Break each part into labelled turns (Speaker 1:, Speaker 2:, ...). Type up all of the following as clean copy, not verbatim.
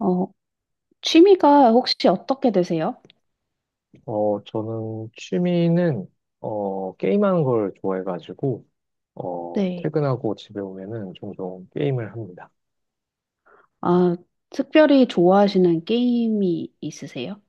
Speaker 1: 어, 취미가 혹시 어떻게 되세요?
Speaker 2: 저는 취미는, 게임하는 걸 좋아해가지고,
Speaker 1: 네.
Speaker 2: 퇴근하고 집에 오면은 종종 게임을 합니다.
Speaker 1: 아, 특별히 좋아하시는 게임이 있으세요?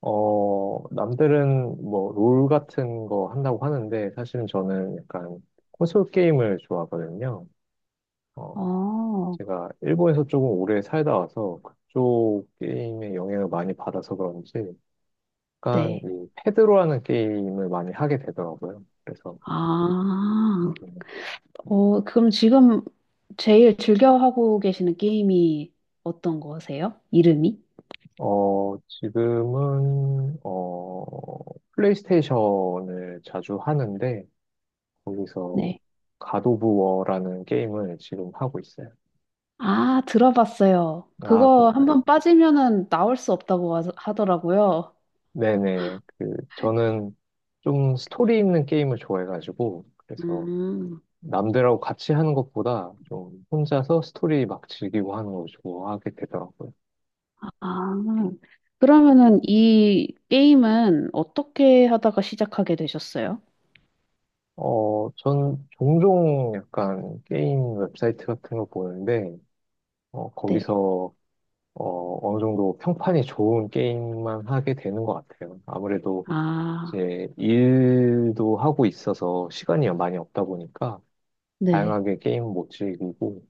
Speaker 2: 남들은 뭐, 롤 같은 거 한다고 하는데, 사실은 저는 약간 콘솔 게임을 좋아하거든요. 어,
Speaker 1: 아,
Speaker 2: 제가 일본에서 조금 오래 살다 와서 그쪽 게임에 영향을 많이 받아서 그런지, 약간
Speaker 1: 네.
Speaker 2: 이 패드로 하는 게임을 많이 하게 되더라고요. 그래서,
Speaker 1: 아,
Speaker 2: 음,
Speaker 1: 그럼 지금 제일 즐겨 하고 계시는 게임이 어떤 거세요? 이름이?
Speaker 2: 지금은 플레이스테이션을 자주 하는데, 거기서
Speaker 1: 네.
Speaker 2: 갓 오브 워라는 게임을 지금 하고 있어요.
Speaker 1: 아, 들어봤어요.
Speaker 2: 아,
Speaker 1: 그거
Speaker 2: 그런가요?
Speaker 1: 한번 빠지면은 나올 수 없다고 하더라고요.
Speaker 2: 네네. 그, 저는 좀 스토리 있는 게임을 좋아해가지고, 그래서
Speaker 1: 음,
Speaker 2: 남들하고 같이 하는 것보다 좀 혼자서 스토리 막 즐기고 하는 걸 좋아하게 되더라고요.
Speaker 1: 아, 그러면은 이 게임은 어떻게 하다가 시작하게 되셨어요?
Speaker 2: 전 종종 약간 게임 웹사이트 같은 거 보는데,
Speaker 1: 네.
Speaker 2: 거기서 어느 정도 평판이 좋은 게임만 하게 되는 것 같아요. 아무래도
Speaker 1: 아,
Speaker 2: 이제 일도 하고 있어서 시간이 많이 없다 보니까
Speaker 1: 네.
Speaker 2: 다양하게 게임 못 즐기고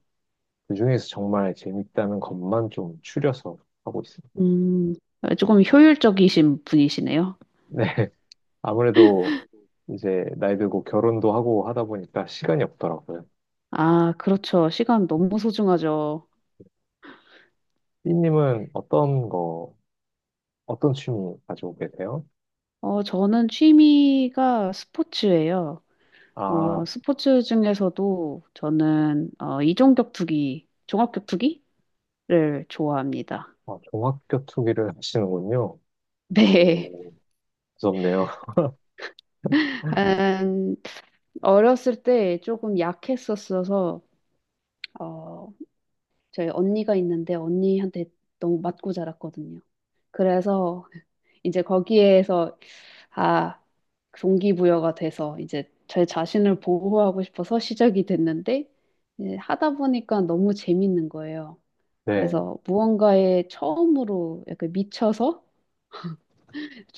Speaker 2: 그중에서 정말 재밌다는 것만 좀 추려서 하고 있습니다.
Speaker 1: 음, 조금 효율적이신 분이시네요.
Speaker 2: 네. 아무래도 이제 나이 들고 결혼도 하고 하다 보니까 시간이 없더라고요.
Speaker 1: 아, 그렇죠. 시간 너무 소중하죠.
Speaker 2: 삐님은 어떤 거, 어떤 취미 가지고 계세요?
Speaker 1: 어, 저는 취미가 스포츠예요. 어,
Speaker 2: 아,
Speaker 1: 스포츠 중에서도 저는 이종격투기, 종합격투기를 좋아합니다.
Speaker 2: 아, 종합격투기를 하시는군요.
Speaker 1: 네.
Speaker 2: 오, 무섭네요.
Speaker 1: 음, 어렸을 때 조금 약했었어서 어, 저희 언니가 있는데 언니한테 너무 맞고 자랐거든요. 그래서 이제 거기에서 아, 동기부여가 돼서 이제 제 자신을 보호하고 싶어서 시작이 됐는데 이제 하다 보니까 너무 재밌는 거예요.
Speaker 2: 네.
Speaker 1: 그래서 무언가에 처음으로 약간 미쳐서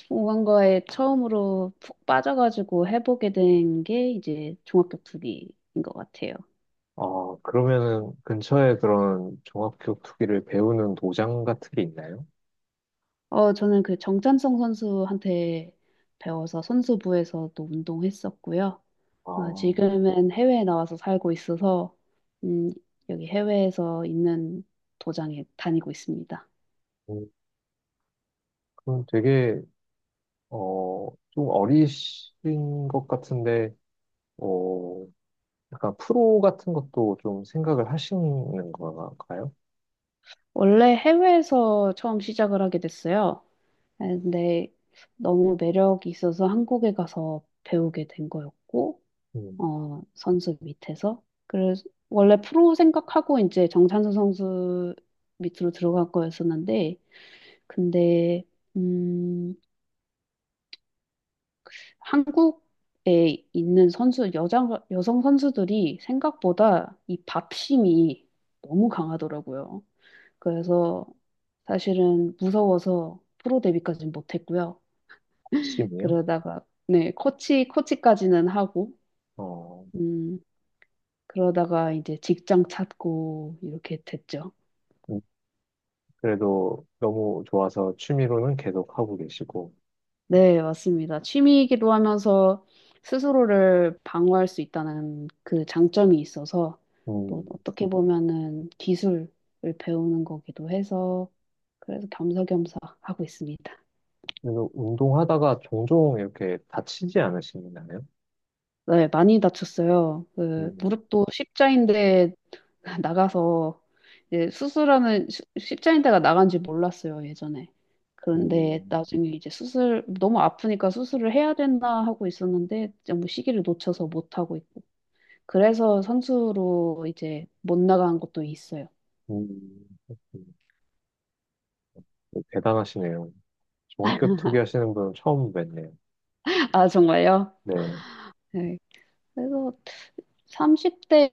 Speaker 1: 무언가에 처음으로 푹 빠져가지고 해보게 된 게 이제 종합격 투기인 것 같아요.
Speaker 2: 그러면은 근처에 그런 종합기억 투기를 배우는 도장 같은 게 있나요?
Speaker 1: 어, 저는 그 정찬성 선수한테 배워서 선수부에서도 운동했었고요. 아,
Speaker 2: 아,
Speaker 1: 지금은 해외에 나와서 살고 있어서, 음, 여기 해외에서 있는 도장에 다니고 있습니다.
Speaker 2: 음, 그럼 되게, 좀 어리신 것 같은데, 어, 약간 프로 같은 것도 좀 생각을 하시는 건가요?
Speaker 1: 원래 해외에서 처음 시작을 하게 됐어요. 아, 근데 너무 매력이 있어서 한국에 가서 배우게 된 거였고,
Speaker 2: 음,
Speaker 1: 어, 선수 밑에서. 그래서 원래 프로 생각하고 이제 정찬수 선수 밑으로 들어갈 거였었는데, 근데, 음, 한국에 있는 선수, 여자, 여성 선수들이 생각보다 이 밥심이 너무 강하더라고요. 그래서 사실은 무서워서 프로 데뷔까지는 못했고요.
Speaker 2: 취미요?
Speaker 1: 그러다가, 네, 코치까지는 하고,
Speaker 2: 어,
Speaker 1: 음, 그러다가 이제 직장 찾고 이렇게 됐죠.
Speaker 2: 음, 그래도 너무 좋아서 취미로는 계속 하고 계시고,
Speaker 1: 네, 맞습니다. 취미이기도 하면서 스스로를 방어할 수 있다는 그 장점이 있어서 또
Speaker 2: 음,
Speaker 1: 어떻게 보면은 기술을 배우는 거기도 해서 그래서 겸사겸사 하고 있습니다.
Speaker 2: 그래도 운동하다가 종종 이렇게 다치지 않으시나요?
Speaker 1: 네, 많이 다쳤어요. 그
Speaker 2: 음,
Speaker 1: 무릎도 십자인대 나가서 이제 수술하는 십자인대가 나간지 몰랐어요, 예전에. 그런데
Speaker 2: 음.
Speaker 1: 나중에 이제 수술 너무 아프니까 수술을 해야 된다 하고 있었는데 너무 시기를 놓쳐서 못 하고 있고 그래서 선수로 이제 못 나간 것도 있어요.
Speaker 2: 그렇군요. 대단하시네요. 저 학교 투기 하시는 분은 처음 뵀네요.
Speaker 1: 아, 정말요?
Speaker 2: 네.
Speaker 1: 네. 그래서 30대라서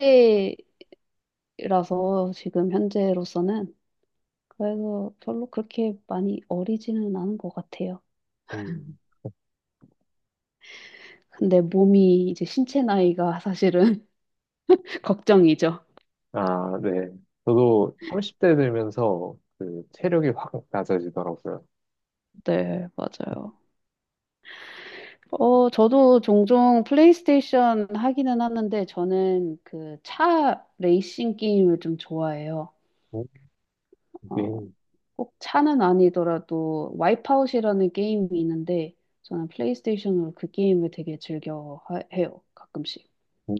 Speaker 1: 지금 현재로서는 그래서 별로 그렇게 많이 어리지는 않은 것 같아요.
Speaker 2: 음,
Speaker 1: 근데 몸이 이제 신체 나이가 사실은 걱정이죠.
Speaker 2: 아, 네. 저도 30대 들면서 그 체력이 확 낮아지더라고요.
Speaker 1: 네, 맞아요. 어, 저도 종종 플레이스테이션 하기는 하는데 저는 그 차 레이싱 게임을 좀 좋아해요.
Speaker 2: 음,
Speaker 1: 어,
Speaker 2: 이게,
Speaker 1: 꼭 차는 아니더라도 와이프아웃이라는 게임이 있는데 저는 플레이스테이션으로 그 게임을 되게 즐겨 해요. 가끔씩.
Speaker 2: 음,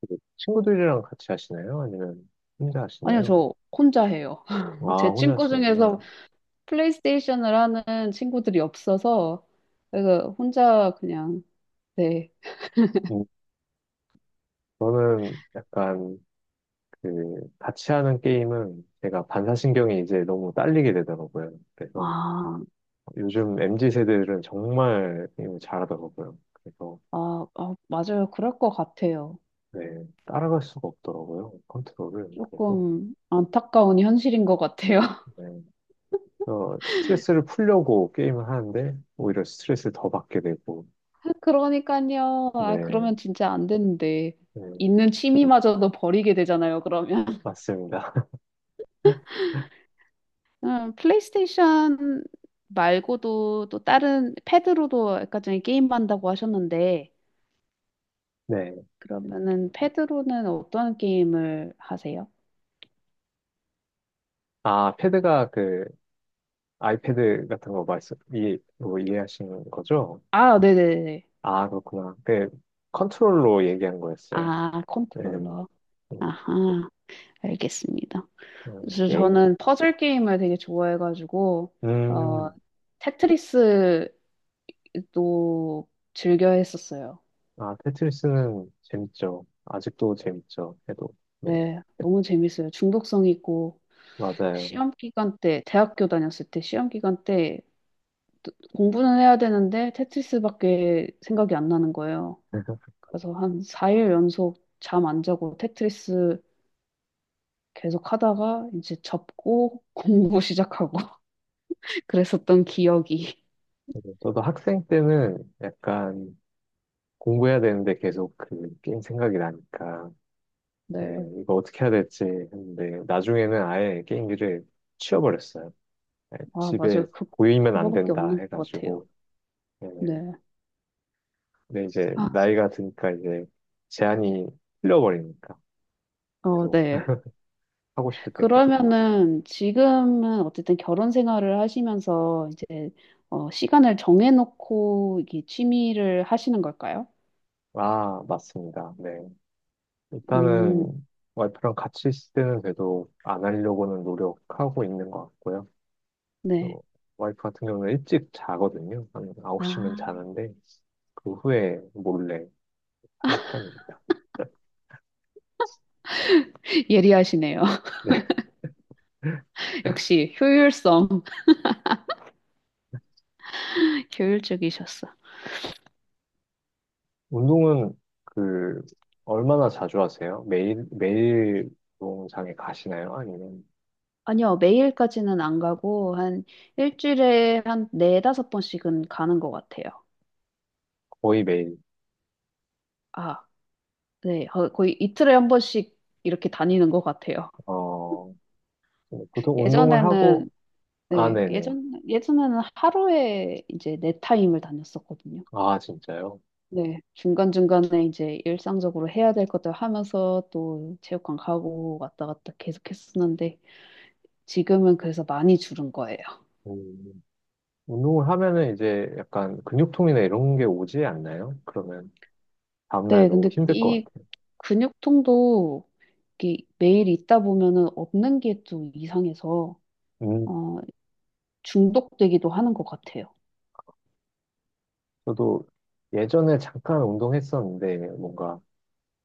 Speaker 2: 그 친구들이랑 같이 하시나요? 아니면 혼자
Speaker 1: 아니요,
Speaker 2: 하시나요?
Speaker 1: 저 혼자 해요.
Speaker 2: 아,
Speaker 1: 제
Speaker 2: 혼자
Speaker 1: 친구
Speaker 2: 하시는구나.
Speaker 1: 중에서 플레이스테이션을 하는 친구들이 없어서 그래서 혼자 그냥 네.
Speaker 2: 음, 저는 약간 그 같이 하는 게임은 제가 반사신경이 이제 너무 딸리게 되더라고요. 그래서
Speaker 1: 아,
Speaker 2: 요즘 MZ 세대들은 정말 게임을 잘하더라고요. 그래서
Speaker 1: 아, 아, 맞아요. 그럴 것 같아요.
Speaker 2: 네, 따라갈 수가 없더라고요, 컨트롤을. 그래서,
Speaker 1: 조금 안타까운 현실인 것 같아요.
Speaker 2: 네. 그래서 스트레스를 풀려고 게임을 하는데, 오히려 스트레스를 더 받게 되고,
Speaker 1: 그러니까요. 아,
Speaker 2: 네,
Speaker 1: 그러면 진짜 안 되는데.
Speaker 2: 네,
Speaker 1: 있는 취미마저도 버리게 되잖아요, 그러면.
Speaker 2: 맞습니다.
Speaker 1: 플레이스테이션 말고도 또 다른 패드로도 아까 전에 게임 한다고 하셨는데
Speaker 2: 네.
Speaker 1: 그러면은 패드로는 어떤 게임을 하세요?
Speaker 2: 아, 패드가 그, 아이패드 같은 거 말씀, 뭐 이해하시는 거죠?
Speaker 1: 아, 네네네.
Speaker 2: 아, 그렇구나. 그, 컨트롤로 얘기한 거였어요.
Speaker 1: 아,
Speaker 2: 네. 음,
Speaker 1: 컨트롤러. 아하, 알겠습니다. 그래서
Speaker 2: 게임?
Speaker 1: 저는 퍼즐 게임을 되게 좋아해가지고 어,
Speaker 2: 음,
Speaker 1: 테트리스도 즐겨 했었어요.
Speaker 2: 아, 테트리스는 재밌죠. 아직도 재밌죠. 해도. 네,
Speaker 1: 네, 너무 재밌어요. 중독성 있고
Speaker 2: 맞아요.
Speaker 1: 시험 기간 때, 대학교 다녔을 때 시험 기간 때 공부는 해야 되는데 테트리스밖에 생각이 안 나는 거예요. 그래서 한 4일 연속 잠 안 자고 테트리스 계속 하다가 이제 접고 공부 시작하고 그랬었던 기억이.
Speaker 2: 맞아요. 저도 학생 때는 약간 공부해야 되는데 계속 그 게임 생각이 나니까 예,
Speaker 1: 네.
Speaker 2: 이거 어떻게 해야 될지 했는데 나중에는 아예 게임기를 치워버렸어요. 예,
Speaker 1: 아,
Speaker 2: 집에
Speaker 1: 맞아요. 그,
Speaker 2: 보이면 안
Speaker 1: 그거밖에
Speaker 2: 된다
Speaker 1: 없는 것 같아요.
Speaker 2: 해가지고 예,
Speaker 1: 네.
Speaker 2: 근데 이제
Speaker 1: 아,
Speaker 2: 나이가 드니까 이제 제한이 풀려버리니까
Speaker 1: 어,
Speaker 2: 계속
Speaker 1: 네.
Speaker 2: 하고 싶을 때 계속 막
Speaker 1: 그러면은 지금은 어쨌든 결혼 생활을 하시면서 이제 어, 시간을 정해놓고 이게 취미를 하시는 걸까요?
Speaker 2: 아, 맞습니다. 네.
Speaker 1: 음,
Speaker 2: 일단은 와이프랑 같이 있을 때는 그래도 안 하려고는 노력하고 있는 것 같고요.
Speaker 1: 네.
Speaker 2: 어, 와이프 같은 경우는 일찍 자거든요. 한 9시면
Speaker 1: 아,
Speaker 2: 자는데 그 후에 몰래 하는 편입니다.
Speaker 1: 예리하시네요.
Speaker 2: 네.
Speaker 1: 역시 효율성, 효율적이셨어.
Speaker 2: 운동은 그 얼마나 자주 하세요? 매일 매일 운동장에 가시나요? 아니면
Speaker 1: 아니요, 매일까지는 안 가고, 한 일주일에 한 네다섯 번씩은 가는 것 같아요.
Speaker 2: 거의 매일?
Speaker 1: 아, 네. 거의 이틀에 한 번씩 이렇게 다니는 것 같아요.
Speaker 2: 어 보통 운동을
Speaker 1: 예전에는,
Speaker 2: 하고 아,
Speaker 1: 네,
Speaker 2: 네네.
Speaker 1: 예전에는 하루에 이제 네 타임을 다녔었거든요.
Speaker 2: 아, 진짜요?
Speaker 1: 네, 중간중간에 이제 일상적으로 해야 될 것들 하면서 또 체육관 가고 왔다 갔다 계속 했었는데, 지금은 그래서 많이 줄은 거예요.
Speaker 2: 음, 운동을 하면은 이제 약간 근육통이나 이런 게 오지 않나요? 그러면 다음날
Speaker 1: 네,
Speaker 2: 너무
Speaker 1: 근데
Speaker 2: 힘들 것
Speaker 1: 이
Speaker 2: 같아요.
Speaker 1: 근육통도 이게 매일 있다 보면은 없는 게 좀 이상해서
Speaker 2: 음,
Speaker 1: 어, 중독되기도 하는 것 같아요.
Speaker 2: 저도 예전에 잠깐 운동했었는데 뭔가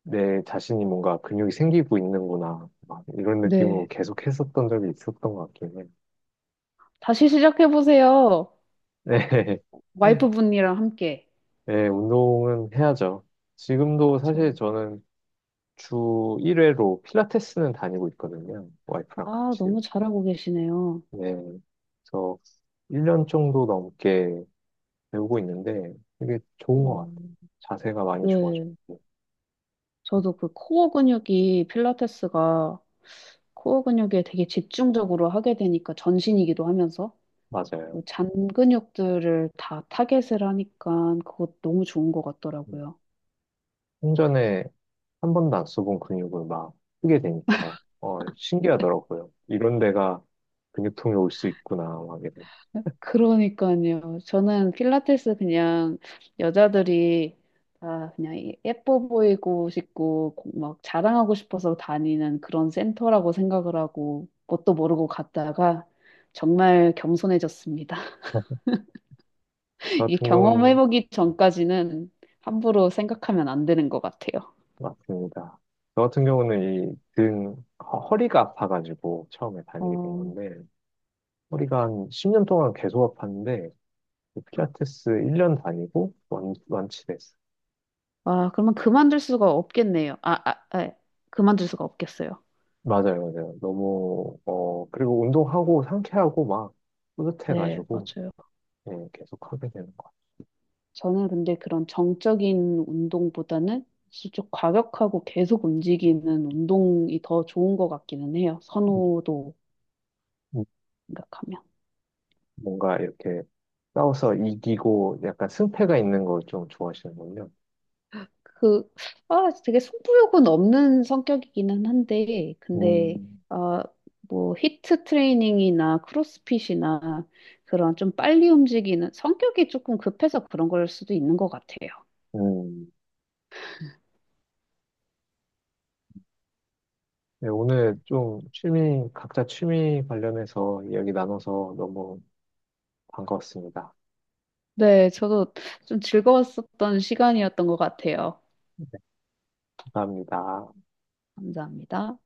Speaker 2: 내 자신이 뭔가 근육이 생기고 있는구나 막 이런 느낌으로
Speaker 1: 네.
Speaker 2: 계속 했었던 적이 있었던 것 같긴 해요.
Speaker 1: 다시 시작해보세요.
Speaker 2: 네,
Speaker 1: 와이프분이랑 함께.
Speaker 2: 네, 운동은 해야죠. 지금도
Speaker 1: 그
Speaker 2: 사실 저는 주 1회로 필라테스는 다니고 있거든요. 와이프랑
Speaker 1: 아,
Speaker 2: 같이.
Speaker 1: 너무 잘하고 계시네요.
Speaker 2: 네, 그래서 1년 정도 넘게 배우고 있는데 되게 좋은 것 같아요.
Speaker 1: 음,
Speaker 2: 자세가 많이
Speaker 1: 네.
Speaker 2: 좋아졌고.
Speaker 1: 저도 그 코어 근육이 필라테스가 코어 근육에 되게 집중적으로 하게 되니까 전신이기도 하면서
Speaker 2: 맞아요.
Speaker 1: 잔 근육들을 다 타겟을 하니까 그것 너무 좋은 것
Speaker 2: 음.
Speaker 1: 같더라고요.
Speaker 2: 생전에 한 번도 안 써본 근육을 막 쓰게 되니까 신기하더라고요. 이런 데가 근육통이 올 수 있구나 막 이런.
Speaker 1: 그러니까요. 저는 필라테스 그냥 여자들이 다 그냥 예뻐 보이고 싶고 막 자랑하고 싶어서 다니는 그런 센터라고 생각을 하고 뭣도 모르고 갔다가 정말 겸손해졌습니다.
Speaker 2: 저
Speaker 1: 이게
Speaker 2: 같은 경우는
Speaker 1: 경험해보기 전까지는 함부로 생각하면 안 되는 것 같아요.
Speaker 2: 맞습니다. 저 같은 경우는 이등 허리가 아파가지고 처음에 다니게 된
Speaker 1: 어,
Speaker 2: 건데 허리가 한 10년 동안 계속 아팠는데 그 필라테스 1년 다니고 완치됐어요.
Speaker 1: 아, 그러면 그만둘 수가 없겠네요. 아, 아, 아, 그만둘 수가 없겠어요.
Speaker 2: 맞아요, 맞아요. 너무 그리고 운동하고 상쾌하고 막
Speaker 1: 네,
Speaker 2: 뿌듯해가지고
Speaker 1: 맞아요.
Speaker 2: 예, 계속 하게 되는 것 같아요.
Speaker 1: 저는 근데 그런 정적인 운동보다는 좀 과격하고 계속 움직이는 운동이 더 좋은 것 같기는 해요.
Speaker 2: 음,
Speaker 1: 선호도
Speaker 2: 음,
Speaker 1: 생각하면.
Speaker 2: 뭔가 이렇게 싸워서 이기고 약간 승패가 있는 걸 좀 좋아하시는군요.
Speaker 1: 그, 아, 되게 승부욕은 없는 성격이기는 한데, 근데,
Speaker 2: 음,
Speaker 1: 아, 뭐, 히트 트레이닝이나 크로스핏이나 그런 좀 빨리 움직이는 성격이 조금 급해서 그런 걸 수도 있는 것 같아요.
Speaker 2: 음. 네, 오늘 좀 취미, 각자 취미 관련해서 이야기 나눠서 너무 반가웠습니다.
Speaker 1: 네, 저도 좀 즐거웠었던 시간이었던 것 같아요.
Speaker 2: 감사합니다.
Speaker 1: 감사합니다.